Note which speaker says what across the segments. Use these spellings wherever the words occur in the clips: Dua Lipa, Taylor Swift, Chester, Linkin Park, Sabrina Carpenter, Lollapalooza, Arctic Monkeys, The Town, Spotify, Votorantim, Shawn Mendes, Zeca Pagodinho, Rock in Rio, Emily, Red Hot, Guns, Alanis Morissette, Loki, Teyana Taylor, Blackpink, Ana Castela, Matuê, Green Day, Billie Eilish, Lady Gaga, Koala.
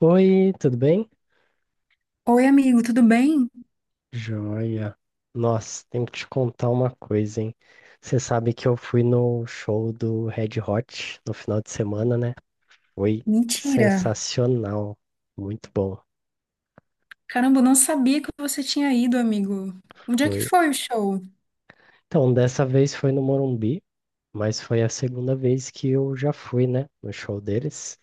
Speaker 1: Oi, tudo bem?
Speaker 2: Oi, amigo, tudo bem?
Speaker 1: Joia. Nossa, tenho que te contar uma coisa, hein? Você sabe que eu fui no show do Red Hot no final de semana, né? Foi
Speaker 2: Mentira!
Speaker 1: sensacional. Muito bom.
Speaker 2: Caramba, eu não sabia que você tinha ido, amigo. Onde é que
Speaker 1: Foi.
Speaker 2: foi o show?
Speaker 1: Então, dessa vez foi no Morumbi, mas foi a segunda vez que eu já fui, né? No show deles.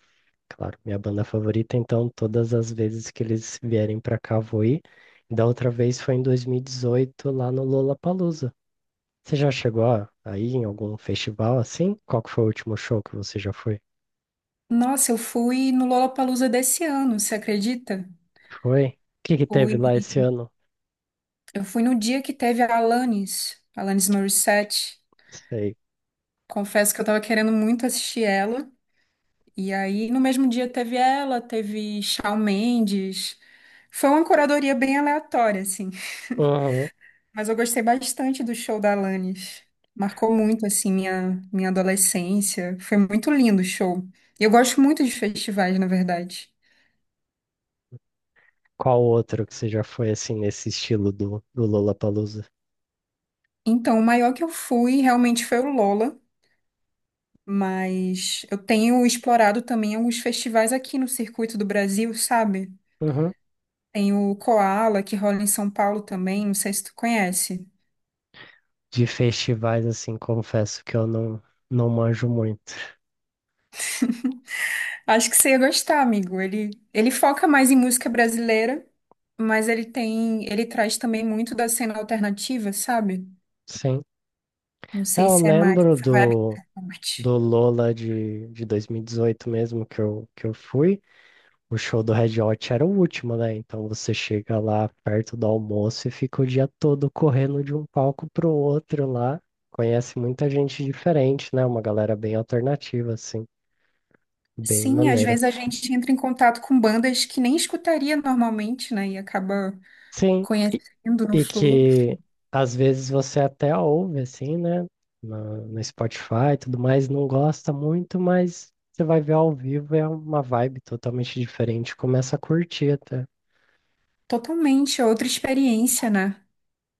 Speaker 1: Claro, minha banda favorita, então todas as vezes que eles vierem pra cá, vou ir. Da outra vez foi em 2018 lá no Lollapalooza. Você já chegou a ir em algum festival assim? Qual que foi o último show que você já foi?
Speaker 2: Nossa, eu fui no Lollapalooza desse ano, você acredita?
Speaker 1: Foi? O que que teve
Speaker 2: Fui.
Speaker 1: lá esse ano?
Speaker 2: Eu fui no dia que teve a Alanis, Alanis Morissette.
Speaker 1: Sei.
Speaker 2: Confesso que eu tava querendo muito assistir ela. E aí, no mesmo dia teve ela, teve Shawn Mendes. Foi uma curadoria bem aleatória, assim.
Speaker 1: Uhum.
Speaker 2: Mas eu gostei bastante do show da Alanis. Marcou muito, assim, minha adolescência. Foi muito lindo o show. E eu gosto muito de festivais, na verdade.
Speaker 1: Qual outro que você já foi assim nesse estilo do Lollapalooza?
Speaker 2: Então, o maior que eu fui realmente foi o Lola, mas eu tenho explorado também alguns festivais aqui no circuito do Brasil, sabe?
Speaker 1: Uhum.
Speaker 2: Tem o Koala, que rola em São Paulo também, não sei se tu conhece.
Speaker 1: De festivais assim, confesso que eu não manjo muito.
Speaker 2: Acho que você ia gostar, amigo. Ele foca mais em música brasileira, mas ele tem, ele traz também muito da cena alternativa, sabe?
Speaker 1: Sim.
Speaker 2: Não
Speaker 1: É,
Speaker 2: sei
Speaker 1: eu
Speaker 2: se é mais
Speaker 1: lembro
Speaker 2: essa vibe
Speaker 1: do,
Speaker 2: que você
Speaker 1: do
Speaker 2: curte.
Speaker 1: Lola de 2018 mesmo que eu fui. O show do Red Hot era o último, né? Então você chega lá perto do almoço e fica o dia todo correndo de um palco pro outro lá. Conhece muita gente diferente, né? Uma galera bem alternativa, assim, bem
Speaker 2: Sim, às
Speaker 1: maneira.
Speaker 2: vezes a gente entra em contato com bandas que nem escutaria normalmente, né? E acaba
Speaker 1: Sim, e,
Speaker 2: conhecendo no
Speaker 1: e
Speaker 2: Flu.
Speaker 1: que às vezes você até ouve, assim, né? No Spotify e tudo mais, não gosta muito, mas você vai ver ao vivo, é uma vibe totalmente diferente, começa a curtir até.
Speaker 2: Totalmente outra experiência, né?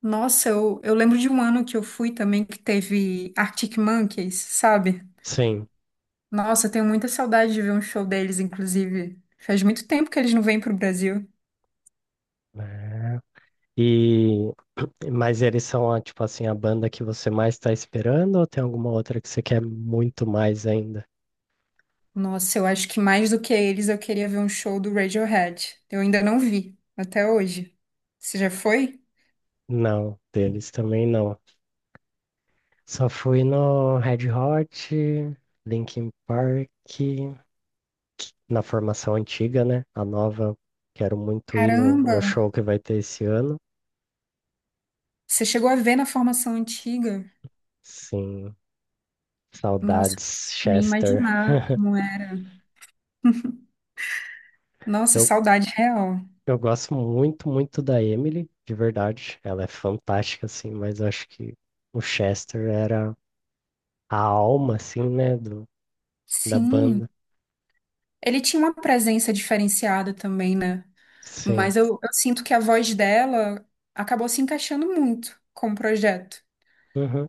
Speaker 2: Nossa, eu lembro de um ano que eu fui também que teve Arctic Monkeys, sabe?
Speaker 1: Sim.
Speaker 2: Nossa, eu tenho muita saudade de ver um show deles, inclusive. Faz muito tempo que eles não vêm pro Brasil.
Speaker 1: É. E mas eles são a, tipo assim, a banda que você mais está esperando ou tem alguma outra que você quer muito mais ainda?
Speaker 2: Nossa, eu acho que mais do que eles, eu queria ver um show do Radiohead. Eu ainda não vi, até hoje. Você já foi?
Speaker 1: Não, deles também não. Só fui no Red Hot, Linkin Park, na formação antiga, né? A nova, quero muito ir no,
Speaker 2: Caramba!
Speaker 1: no show que vai ter esse ano.
Speaker 2: Você chegou a ver na formação antiga?
Speaker 1: Sim,
Speaker 2: Nossa,
Speaker 1: saudades,
Speaker 2: nem
Speaker 1: Chester.
Speaker 2: imaginar como é. Nossa,
Speaker 1: Eu,
Speaker 2: saudade real.
Speaker 1: Eu gosto muito, muito da Emily, de verdade. Ela é fantástica, assim, mas eu acho que o Chester era a alma, assim, né, da banda.
Speaker 2: Sim. Ele tinha uma presença diferenciada também, né?
Speaker 1: Sim.
Speaker 2: Mas eu sinto que a voz dela acabou se encaixando muito com o projeto.
Speaker 1: Uhum.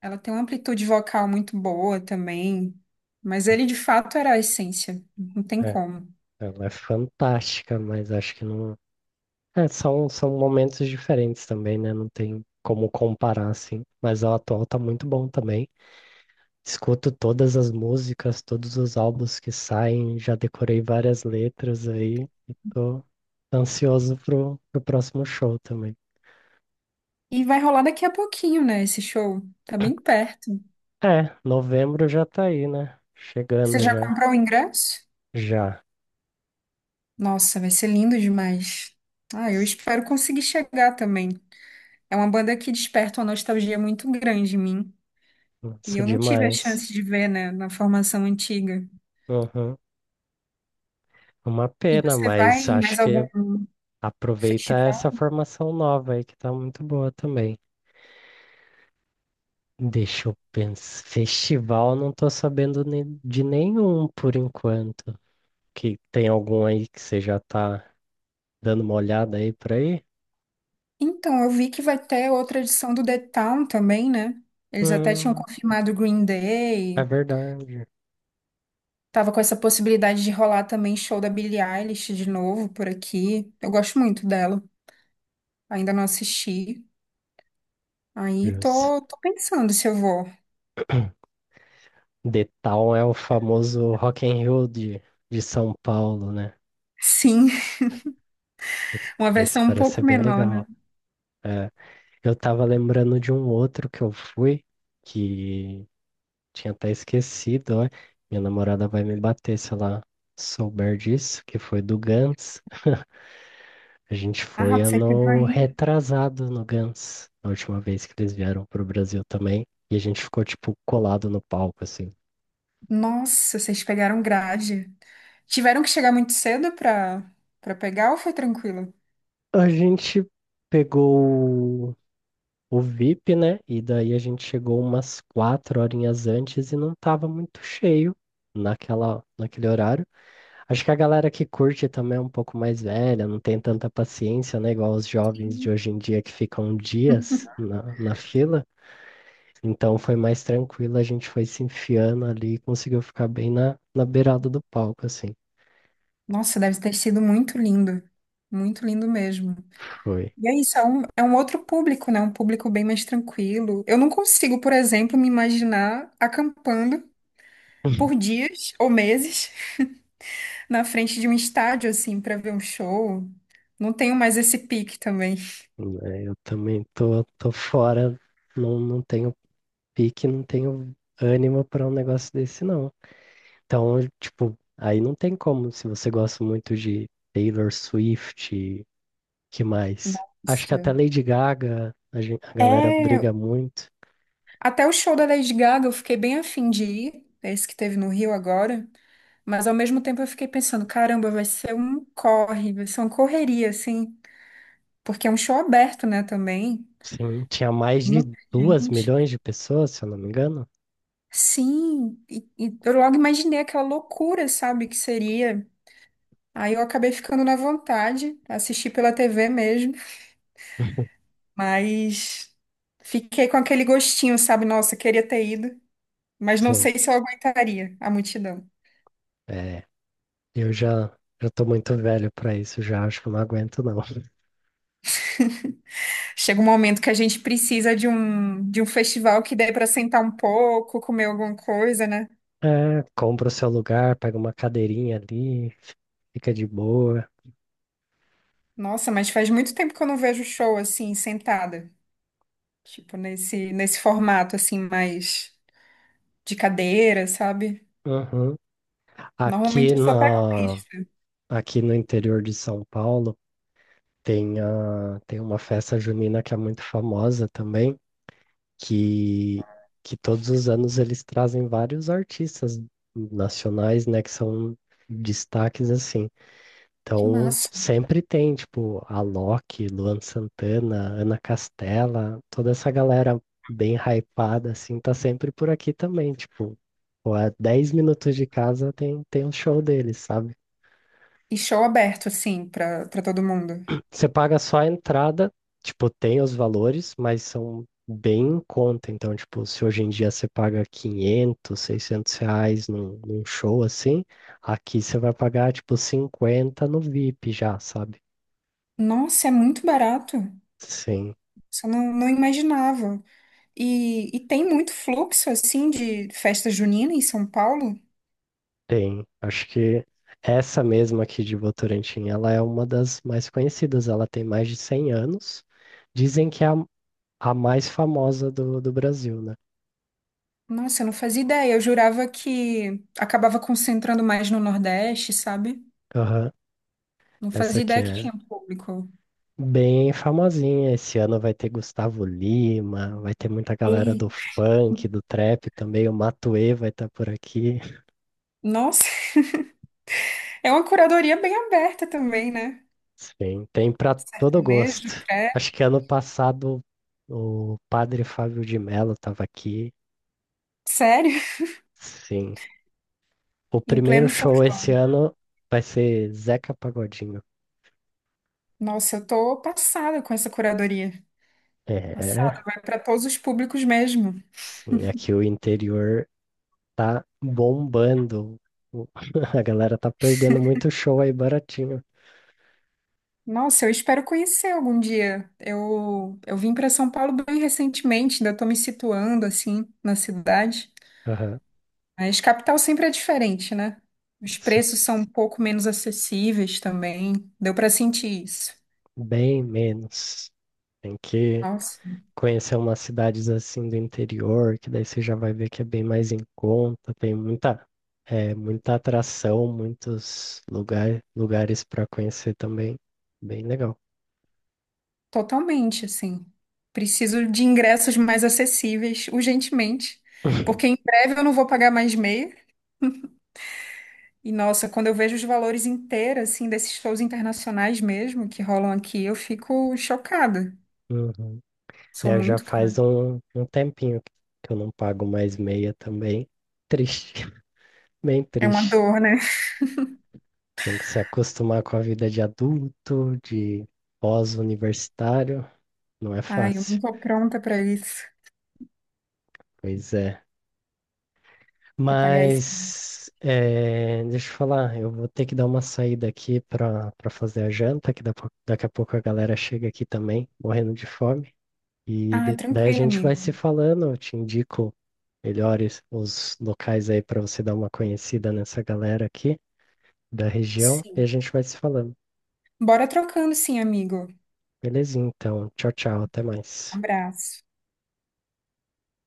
Speaker 2: Ela tem uma amplitude vocal muito boa também, mas ele de fato era a essência, não tem
Speaker 1: É,
Speaker 2: como.
Speaker 1: ela é fantástica, mas acho que não. É, são momentos diferentes também, né? Não tem como comparar, assim. Mas o atual tá muito bom também. Escuto todas as músicas, todos os álbuns que saem, já decorei várias letras aí e tô ansioso pro próximo show também.
Speaker 2: E vai rolar daqui a pouquinho, né, esse show? Tá bem perto.
Speaker 1: É, novembro já tá aí, né?
Speaker 2: Você
Speaker 1: Chegando
Speaker 2: já
Speaker 1: já.
Speaker 2: comprou o ingresso?
Speaker 1: Já.
Speaker 2: Nossa, vai ser lindo demais. Ah, eu espero conseguir chegar também. É uma banda que desperta uma nostalgia muito grande em mim, e
Speaker 1: Nossa,
Speaker 2: eu não tive a
Speaker 1: demais.
Speaker 2: chance de ver, né, na formação antiga.
Speaker 1: Uhum. Uma
Speaker 2: E
Speaker 1: pena,
Speaker 2: você vai
Speaker 1: mas
Speaker 2: em
Speaker 1: acho
Speaker 2: mais algum
Speaker 1: que aproveita
Speaker 2: festival?
Speaker 1: essa formação nova aí que tá muito boa também. Deixa eu pensar. Festival, não tô sabendo de nenhum por enquanto. Que tem algum aí que você já tá dando uma olhada aí por aí.
Speaker 2: Então, eu vi que vai ter outra edição do The Town também, né? Eles até tinham
Speaker 1: Hum,
Speaker 2: confirmado o Green
Speaker 1: é
Speaker 2: Day.
Speaker 1: verdade.
Speaker 2: Tava com essa possibilidade de rolar também show da Billie Eilish de novo por aqui. Eu gosto muito dela. Ainda não assisti. Aí
Speaker 1: Jus.
Speaker 2: tô pensando se eu vou.
Speaker 1: The Town é o famoso Rock in Rio de São Paulo, né?
Speaker 2: Sim,
Speaker 1: Esse,
Speaker 2: uma
Speaker 1: esse
Speaker 2: versão um
Speaker 1: parece
Speaker 2: pouco
Speaker 1: ser bem
Speaker 2: menor, né?
Speaker 1: legal. É, eu tava lembrando de um outro que eu fui, que tinha até esquecido, ó. Minha namorada vai me bater se ela souber disso, que foi do Guns. A gente
Speaker 2: Ah,
Speaker 1: foi
Speaker 2: você pegou
Speaker 1: ano
Speaker 2: aí.
Speaker 1: retrasado no Guns, a última vez que eles vieram pro Brasil também. E a gente ficou, tipo, colado no palco, assim.
Speaker 2: Nossa, vocês pegaram grade. Tiveram que chegar muito cedo pra pegar ou foi tranquilo?
Speaker 1: A gente pegou o VIP, né? E daí a gente chegou umas 4 horinhas antes e não tava muito cheio naquele horário. Acho que a galera que curte também é um pouco mais velha, não tem tanta paciência, né? Igual os jovens
Speaker 2: Sim.
Speaker 1: de hoje em dia que ficam dias na fila. Então foi mais tranquilo, a gente foi se enfiando ali e conseguiu ficar bem na beirada do palco, assim.
Speaker 2: Nossa, deve ter sido muito lindo. Muito lindo mesmo.
Speaker 1: Foi.
Speaker 2: E é isso, é um outro público, né? Um público bem mais tranquilo. Eu não consigo, por exemplo, me imaginar acampando por dias ou meses na frente de um estádio, assim, para ver um show. Não tenho mais esse pique também.
Speaker 1: Né, eu também tô fora, não tenho pique, não tenho ânimo para um negócio desse, não. Então, tipo, aí não tem como, se você gosta muito de Taylor Swift, que mais? Acho que
Speaker 2: Isso.
Speaker 1: até Lady Gaga, a galera
Speaker 2: É,
Speaker 1: briga muito.
Speaker 2: até o show da Lady Gaga eu fiquei bem afim de ir, é esse que teve no Rio agora, mas ao mesmo tempo eu fiquei pensando, caramba, vai ser um corre, vai ser uma correria, assim, porque é um show aberto, né, também.
Speaker 1: Sim, tinha mais de
Speaker 2: Muita
Speaker 1: duas
Speaker 2: gente.
Speaker 1: milhões de pessoas, se eu não me engano.
Speaker 2: Sim, e eu logo imaginei aquela loucura, sabe, que seria. Aí eu acabei ficando na vontade, assisti pela TV mesmo, mas fiquei com aquele gostinho, sabe? Nossa, queria ter ido, mas não
Speaker 1: Sim.
Speaker 2: sei se eu aguentaria a multidão.
Speaker 1: É. Eu já tô muito velho pra isso, já acho que eu não aguento não.
Speaker 2: Chega um momento que a gente precisa de um festival que dê para sentar um pouco, comer alguma coisa, né?
Speaker 1: É, compra o seu lugar, pega uma cadeirinha ali, fica de boa.
Speaker 2: Nossa, mas faz muito tempo que eu não vejo show assim, sentada. Tipo, nesse formato, assim, mais de cadeira, sabe?
Speaker 1: Uhum. Aqui
Speaker 2: Normalmente eu só pego
Speaker 1: na,
Speaker 2: pista.
Speaker 1: aqui no interior de São Paulo tem uma festa junina que é muito famosa também, que, que todos os anos eles trazem vários artistas nacionais, né, que são destaques assim.
Speaker 2: Que
Speaker 1: Então,
Speaker 2: massa.
Speaker 1: sempre tem, tipo, a Loki, Luan Santana, Ana Castela, toda essa galera bem hypada, assim, tá sempre por aqui também, tipo, pô, a 10 minutos de casa tem um show deles, sabe?
Speaker 2: E show aberto, assim, pra todo mundo.
Speaker 1: Você paga só a entrada, tipo, tem os valores, mas são bem em conta, então, tipo, se hoje em dia você paga 500, 600 reais num show, assim, aqui você vai pagar, tipo, 50 no VIP já, sabe?
Speaker 2: Nossa, é muito barato.
Speaker 1: Sim.
Speaker 2: Só não imaginava. E tem muito fluxo, assim, de festa junina em São Paulo?
Speaker 1: Tem, acho que essa mesma aqui de Votorantim, ela é uma das mais conhecidas, ela tem mais de 100 anos. Dizem que é a mais famosa do Brasil, né?
Speaker 2: Nossa, eu não fazia ideia. Eu jurava que acabava concentrando mais no Nordeste, sabe?
Speaker 1: Aham.
Speaker 2: Não
Speaker 1: Essa
Speaker 2: fazia
Speaker 1: aqui
Speaker 2: ideia que
Speaker 1: é
Speaker 2: tinha público.
Speaker 1: bem famosinha. Esse ano vai ter Gustavo Lima, vai ter muita galera
Speaker 2: E,
Speaker 1: do funk, do trap também, o Matuê vai estar por aqui.
Speaker 2: nossa, é uma curadoria bem aberta também, né?
Speaker 1: Sim, tem pra todo
Speaker 2: Sertanejo,
Speaker 1: gosto.
Speaker 2: credo.
Speaker 1: Acho que ano passado o padre Fábio de Mello estava aqui.
Speaker 2: Sério?
Speaker 1: Sim. O
Speaker 2: Em
Speaker 1: primeiro
Speaker 2: pleno São
Speaker 1: show esse
Speaker 2: João.
Speaker 1: ano vai ser Zeca Pagodinho.
Speaker 2: Nossa, eu tô passada com essa curadoria. Passada,
Speaker 1: É,
Speaker 2: vai para todos os públicos mesmo.
Speaker 1: sim, aqui o interior tá bombando. O- A galera tá perdendo muito show aí baratinho.
Speaker 2: Nossa, eu espero conhecer algum dia. Eu vim para São Paulo bem recentemente, ainda tô me situando assim na cidade.
Speaker 1: Aham,
Speaker 2: Mas capital sempre é diferente, né? Os
Speaker 1: sim,
Speaker 2: preços são um pouco menos acessíveis também. Deu para sentir isso.
Speaker 1: bem menos. Tem que
Speaker 2: Nossa,
Speaker 1: conhecer umas cidades assim do interior, que daí você já vai ver que é bem mais em conta, tem muita atração, lugares para conhecer também. Bem legal.
Speaker 2: totalmente assim. Preciso de ingressos mais acessíveis urgentemente, porque em breve eu não vou pagar mais meia. E nossa, quando eu vejo os valores inteiros, assim, desses shows internacionais mesmo que rolam aqui, eu fico chocada.
Speaker 1: Uhum.
Speaker 2: Sou
Speaker 1: É, já
Speaker 2: muito
Speaker 1: faz
Speaker 2: cara.
Speaker 1: um tempinho que eu não pago mais meia também. Triste, bem
Speaker 2: É uma
Speaker 1: triste.
Speaker 2: dor, né?
Speaker 1: Tem que se acostumar com a vida de adulto, de pós-universitário. Não é
Speaker 2: Ai, eu não
Speaker 1: fácil.
Speaker 2: tô pronta pra isso,
Speaker 1: Pois é.
Speaker 2: pra pagar isso.
Speaker 1: Mas, é, deixa eu falar, eu vou ter que dar uma saída aqui para fazer a janta, que daqui a pouco a galera chega aqui também, morrendo de fome. E
Speaker 2: Ah,
Speaker 1: daí a
Speaker 2: tranquilo,
Speaker 1: gente vai
Speaker 2: amigo.
Speaker 1: se falando, eu te indico melhores os locais aí para você dar uma conhecida nessa galera aqui da região e a
Speaker 2: Sim.
Speaker 1: gente vai se falando.
Speaker 2: Bora trocando, sim, amigo.
Speaker 1: Belezinha, então. Tchau, tchau, até mais.
Speaker 2: Abraço.